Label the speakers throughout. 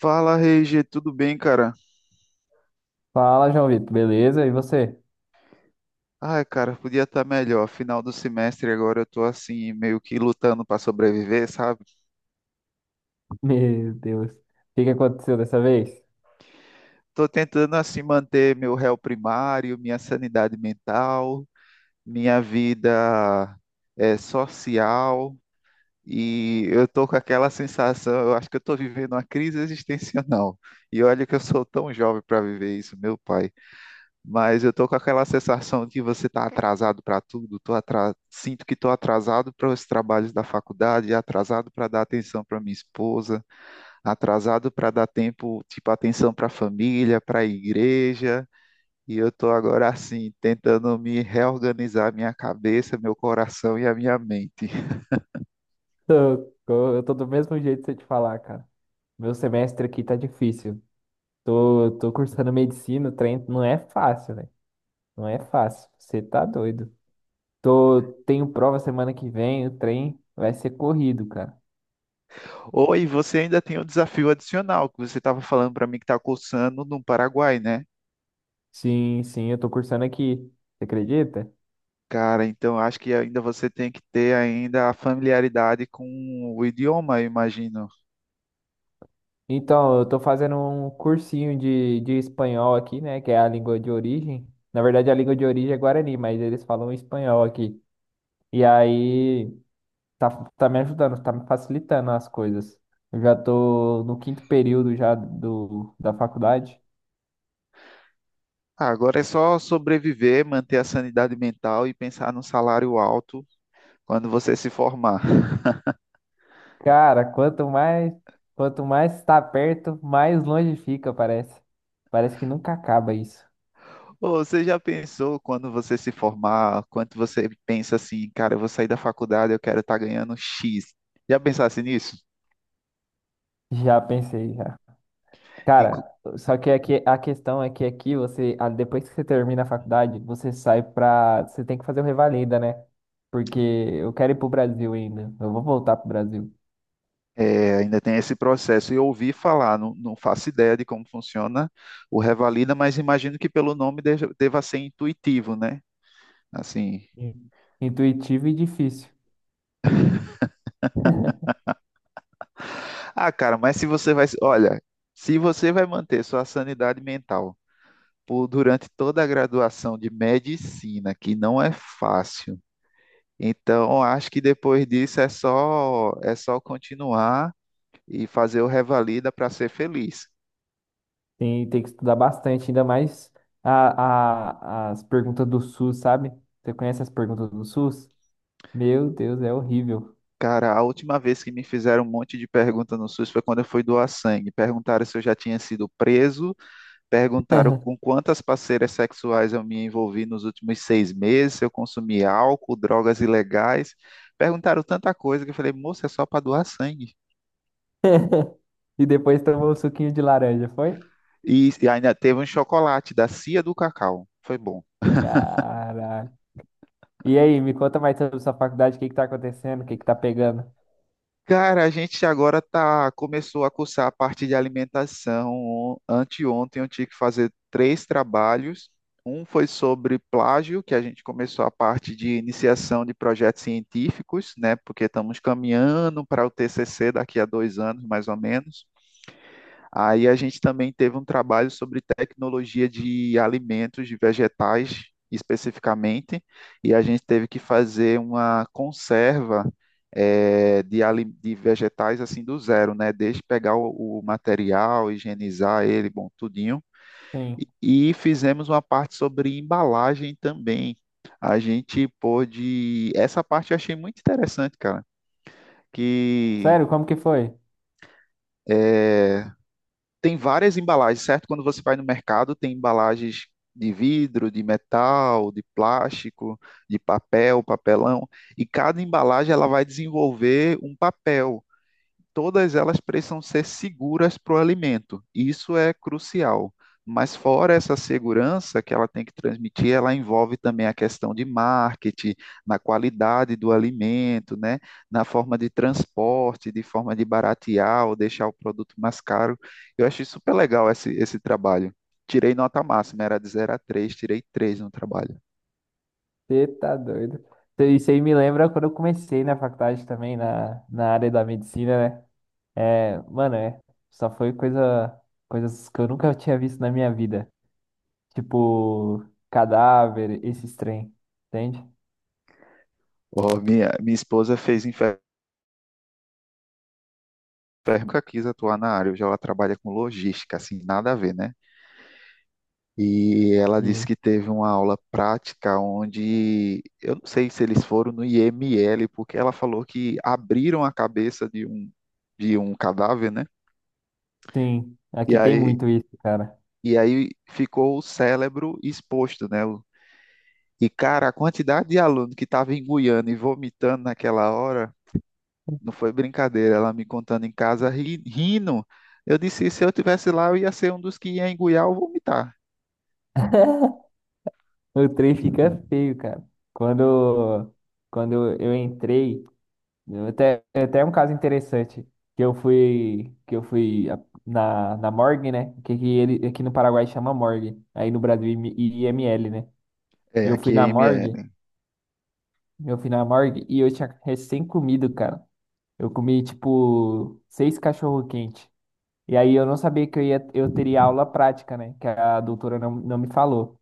Speaker 1: Fala, Reige, tudo bem, cara?
Speaker 2: Fala, João Vitor, beleza? E você?
Speaker 1: Ai, cara, podia estar melhor. Final do semestre agora eu tô assim, meio que lutando para sobreviver, sabe?
Speaker 2: Meu Deus, o que que aconteceu dessa vez?
Speaker 1: Tô tentando assim manter meu réu primário, minha sanidade mental, minha vida social, e eu tô com aquela sensação, eu acho que eu tô vivendo uma crise existencial. E olha que eu sou tão jovem para viver isso, meu pai. Mas eu tô com aquela sensação de você tá atrasado para tudo, sinto que tô atrasado para os trabalhos da faculdade, atrasado para dar atenção para minha esposa, atrasado para dar tempo, tipo, atenção para a família, para a igreja, e eu tô agora assim, tentando me reorganizar minha cabeça, meu coração e a minha mente.
Speaker 2: Tô- Eu tô do mesmo jeito de você te falar, cara. Meu semestre aqui tá difícil. Tô cursando medicina, o trem não é fácil, né? Não é fácil. Você tá doido. Tô, tenho prova semana que vem, o trem vai ser corrido, cara.
Speaker 1: Ou e você ainda tem um desafio adicional que você estava falando para mim que tá cursando no Paraguai, né?
Speaker 2: Sim, eu tô cursando aqui. Você acredita?
Speaker 1: Cara, então acho que ainda você tem que ter ainda a familiaridade com o idioma, eu imagino.
Speaker 2: Então, eu tô fazendo um cursinho de espanhol aqui, né? Que é a língua de origem. Na verdade, a língua de origem é Guarani, mas eles falam espanhol aqui. E aí, tá, tá me ajudando, tá me facilitando as coisas. Eu já tô no quinto período já da faculdade.
Speaker 1: Ah, agora é só sobreviver, manter a sanidade mental e pensar num salário alto quando você se formar.
Speaker 2: Cara, quanto mais está perto, mais longe fica, parece. Parece que nunca acaba isso.
Speaker 1: Ô, você já pensou quando você se formar, quanto você pensa assim, cara, eu vou sair da faculdade, eu quero estar ganhando X. Já pensasse nisso?
Speaker 2: Já pensei, já.
Speaker 1: E co-
Speaker 2: Cara, só que aqui, a questão é que aqui você, ah, depois que você termina a faculdade, você sai pra. Você tem que fazer o revalida, né? Porque eu quero ir pro Brasil ainda. Eu vou voltar pro Brasil.
Speaker 1: É, ainda tem esse processo. Eu ouvi falar, não, não faço ideia de como funciona o Revalida, mas imagino que pelo nome deva ser intuitivo, né? Assim.
Speaker 2: Sim. Intuitivo e difícil.
Speaker 1: Ah, cara, mas se você vai. Olha, se você vai manter sua sanidade mental por, durante toda a graduação de medicina, que não é fácil, então acho que depois disso é só continuar e fazer o revalida para ser feliz.
Speaker 2: Tem que estudar bastante, ainda mais as perguntas do SUS, sabe? Você conhece as perguntas do SUS? Meu Deus, é horrível.
Speaker 1: Cara, a última vez que me fizeram um monte de pergunta no SUS foi quando eu fui doar sangue. Perguntaram se eu já tinha sido preso. Perguntaram com quantas parceiras sexuais eu me envolvi nos últimos 6 meses, se eu consumi álcool, drogas ilegais. Perguntaram tanta coisa que eu falei, moça, é só para doar sangue.
Speaker 2: E depois tomou um suquinho de laranja, foi?
Speaker 1: E ainda teve um chocolate da Cia do Cacau. Foi bom.
Speaker 2: Caraca. E aí, me conta mais sobre sua faculdade, o que que tá acontecendo, o que que tá pegando?
Speaker 1: Cara, a gente agora tá, começou a cursar a parte de alimentação. Anteontem eu tive que fazer 3 trabalhos. Um foi sobre plágio, que a gente começou a parte de iniciação de projetos científicos, né? Porque estamos caminhando para o TCC daqui a 2 anos, mais ou menos. Aí a gente também teve um trabalho sobre tecnologia de alimentos, de vegetais especificamente, e a gente teve que fazer uma conserva de vegetais assim do zero, né? Desde pegar o material, higienizar ele, bom, tudinho.
Speaker 2: Sim.
Speaker 1: E fizemos uma parte sobre embalagem também. A gente pôde. Essa parte eu achei muito interessante, cara, que.
Speaker 2: Sério, como que foi?
Speaker 1: eh, Tem várias embalagens, certo? Quando você vai no mercado, tem embalagens de vidro, de metal, de plástico, de papel, papelão, e cada embalagem ela vai desenvolver um papel. Todas elas precisam ser seguras para o alimento. Isso é crucial. Mas fora essa segurança que ela tem que transmitir, ela envolve também a questão de marketing, na qualidade do alimento, né? Na forma de transporte, de forma de baratear ou deixar o produto mais caro. Eu achei super legal esse trabalho. Tirei nota máxima, era de 0 a 3, tirei 3 no trabalho.
Speaker 2: Você tá doido. Isso aí me lembra quando eu comecei na faculdade também, na área da medicina, né? É, mano, é, só foi coisa, coisas que eu nunca tinha visto na minha vida. Tipo, cadáver, esses trem, entende?
Speaker 1: Oh, minha esposa fez enfermagem, nunca quis atuar na área, hoje ela trabalha com logística, assim, nada a ver, né? E ela disse
Speaker 2: E,
Speaker 1: que teve uma aula prática onde eu não sei se eles foram no IML, porque ela falou que abriram a cabeça de um cadáver, né?
Speaker 2: sim,
Speaker 1: E
Speaker 2: aqui tem
Speaker 1: aí,
Speaker 2: muito isso, cara.
Speaker 1: e aí ficou o cérebro exposto, né? E, cara, a quantidade de aluno que estava engoiando e vomitando naquela hora não foi brincadeira. Ela me contando em casa, rindo. Eu disse, se eu tivesse lá, eu ia ser um dos que ia engoiar ou vomitar.
Speaker 2: O trem fica feio, cara. Quando, quando eu entrei, eu até um caso interessante que eu fui a- na morgue, né? Que ele aqui no Paraguai chama morgue, aí no Brasil IML, né?
Speaker 1: É,
Speaker 2: Eu fui
Speaker 1: aqui é
Speaker 2: na morgue,
Speaker 1: IML.
Speaker 2: eu fui na morgue e eu tinha recém comido, cara. Eu comi tipo seis cachorro quente. E aí eu não sabia que eu teria aula prática, né? Que a doutora não me falou.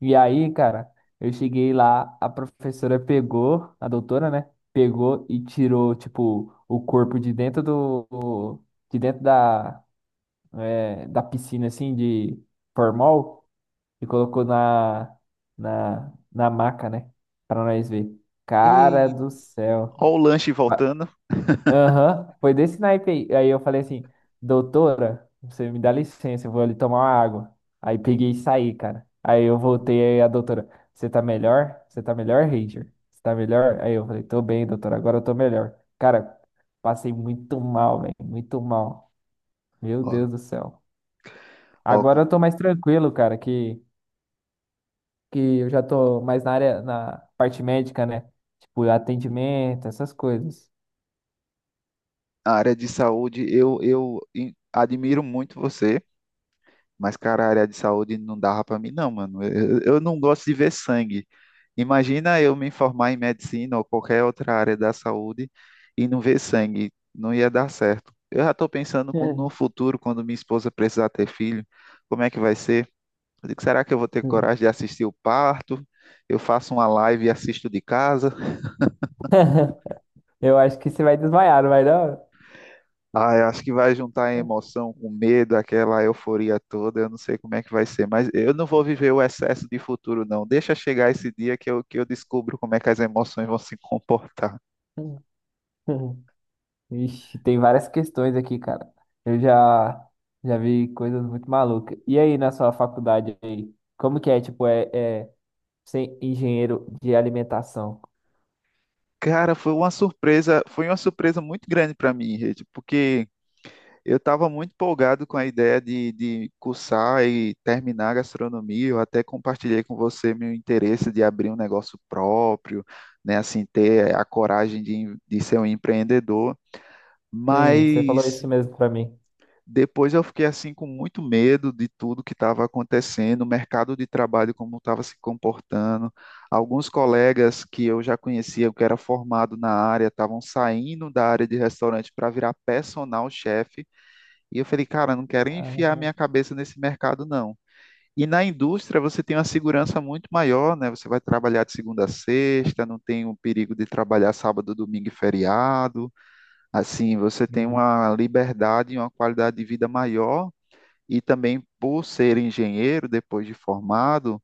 Speaker 2: E aí, cara, eu cheguei lá, a professora pegou, a doutora, né? Pegou e tirou, tipo, o corpo de dentro do, de dentro da, é, da piscina, assim, de formol e colocou na maca, né? Pra nós ver. Cara do céu.
Speaker 1: Ó o lanche voltando.
Speaker 2: Aham, foi desse naipe aí. Aí eu falei assim, doutora, você me dá licença, eu vou ali tomar uma água. Aí peguei e saí, cara. Aí eu voltei, aí a doutora, você tá melhor? Você tá melhor, Ranger? Você tá melhor? Aí eu falei, tô bem, doutora, agora eu tô melhor. Cara, passei muito mal, velho, muito mal. Meu Deus
Speaker 1: Ó,
Speaker 2: do céu.
Speaker 1: ó, com-
Speaker 2: Agora eu tô mais tranquilo, cara, que eu já tô mais na área, na parte médica, né? Tipo, atendimento, essas coisas.
Speaker 1: a área de saúde, admiro muito você, mas, cara, a área de saúde não dava pra mim, não, mano. Eu não gosto de ver sangue. Imagina eu me formar em medicina ou qualquer outra área da saúde e não ver sangue. Não ia dar certo. Eu já tô pensando no futuro, quando minha esposa precisar ter filho, como é que vai ser? Eu digo, será que eu vou ter coragem de assistir o parto? Eu faço uma live e assisto de casa?
Speaker 2: Eu acho que você vai desmaiar, não vai não?
Speaker 1: Ah, eu acho que vai juntar a emoção com o medo, aquela euforia toda. Eu não sei como é que vai ser, mas eu não vou viver o excesso de futuro, não. Deixa chegar esse dia que que eu descubro como é que as emoções vão se comportar.
Speaker 2: Ixi, tem várias questões aqui, cara. Eu já já vi coisas muito malucas. E aí, na sua faculdade aí, como que é, tipo, é ser engenheiro de alimentação?
Speaker 1: Cara, foi uma surpresa muito grande para mim, Rede, porque eu estava muito empolgado com a ideia de cursar e terminar a gastronomia. Eu até compartilhei com você meu interesse de abrir um negócio próprio, né? Assim, ter a coragem de ser um empreendedor.
Speaker 2: Sim, você falou
Speaker 1: Mas
Speaker 2: isso mesmo pra mim.
Speaker 1: depois eu fiquei assim com muito medo de tudo que estava acontecendo, o mercado de trabalho como estava se comportando. Alguns colegas que eu já conhecia, que era formado na área, estavam saindo da área de restaurante para virar personal chef, e eu falei, cara, não quero enfiar
Speaker 2: Ah,
Speaker 1: minha cabeça nesse mercado, não. E na indústria você tem uma segurança muito maior, né? Você vai trabalhar de segunda a sexta, não tem o perigo de trabalhar sábado, domingo e feriado. Assim, você tem
Speaker 2: hum.
Speaker 1: uma liberdade e uma qualidade de vida maior. E também por ser engenheiro, depois de formado,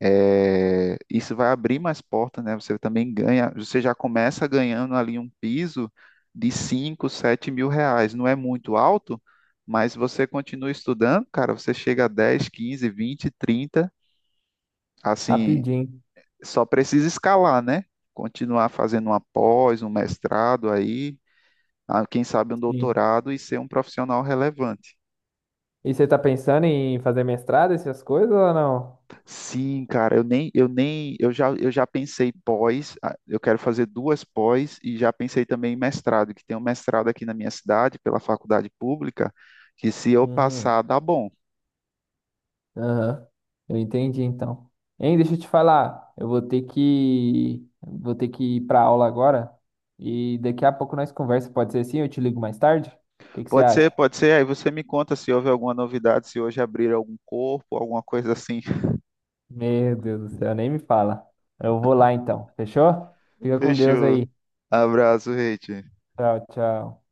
Speaker 1: é, isso vai abrir mais portas, né? Você também ganha, você já começa ganhando ali um piso de 5, 7 mil reais. Não é muito alto, mas você continua estudando, cara, você chega a 10, 15, 20, 30. Assim,
Speaker 2: Rapidinho.
Speaker 1: só precisa escalar, né? Continuar fazendo uma pós, um mestrado aí, ah, quem sabe um
Speaker 2: Sim.
Speaker 1: doutorado e ser um profissional relevante.
Speaker 2: E você tá pensando em fazer mestrado, essas coisas ou não?
Speaker 1: Sim, cara, eu nem, eu nem, eu já pensei pós, ah, eu quero fazer duas pós e já pensei também em mestrado, que tem um mestrado aqui na minha cidade, pela faculdade pública, que se eu
Speaker 2: Uhum.
Speaker 1: passar, dá bom.
Speaker 2: Aham, eu entendi então. Hein, deixa eu te falar, eu vou ter que ir para aula agora e daqui a pouco nós conversa, pode ser assim? Eu te ligo mais tarde? O que que você acha?
Speaker 1: Pode ser, aí você me conta se houve alguma novidade, se hoje abrir algum corpo, alguma coisa assim.
Speaker 2: Meu Deus do céu, nem me fala. Eu vou lá então, fechou? Fica com Deus
Speaker 1: Fechou.
Speaker 2: aí.
Speaker 1: Abraço, Reit.
Speaker 2: Tchau, tchau.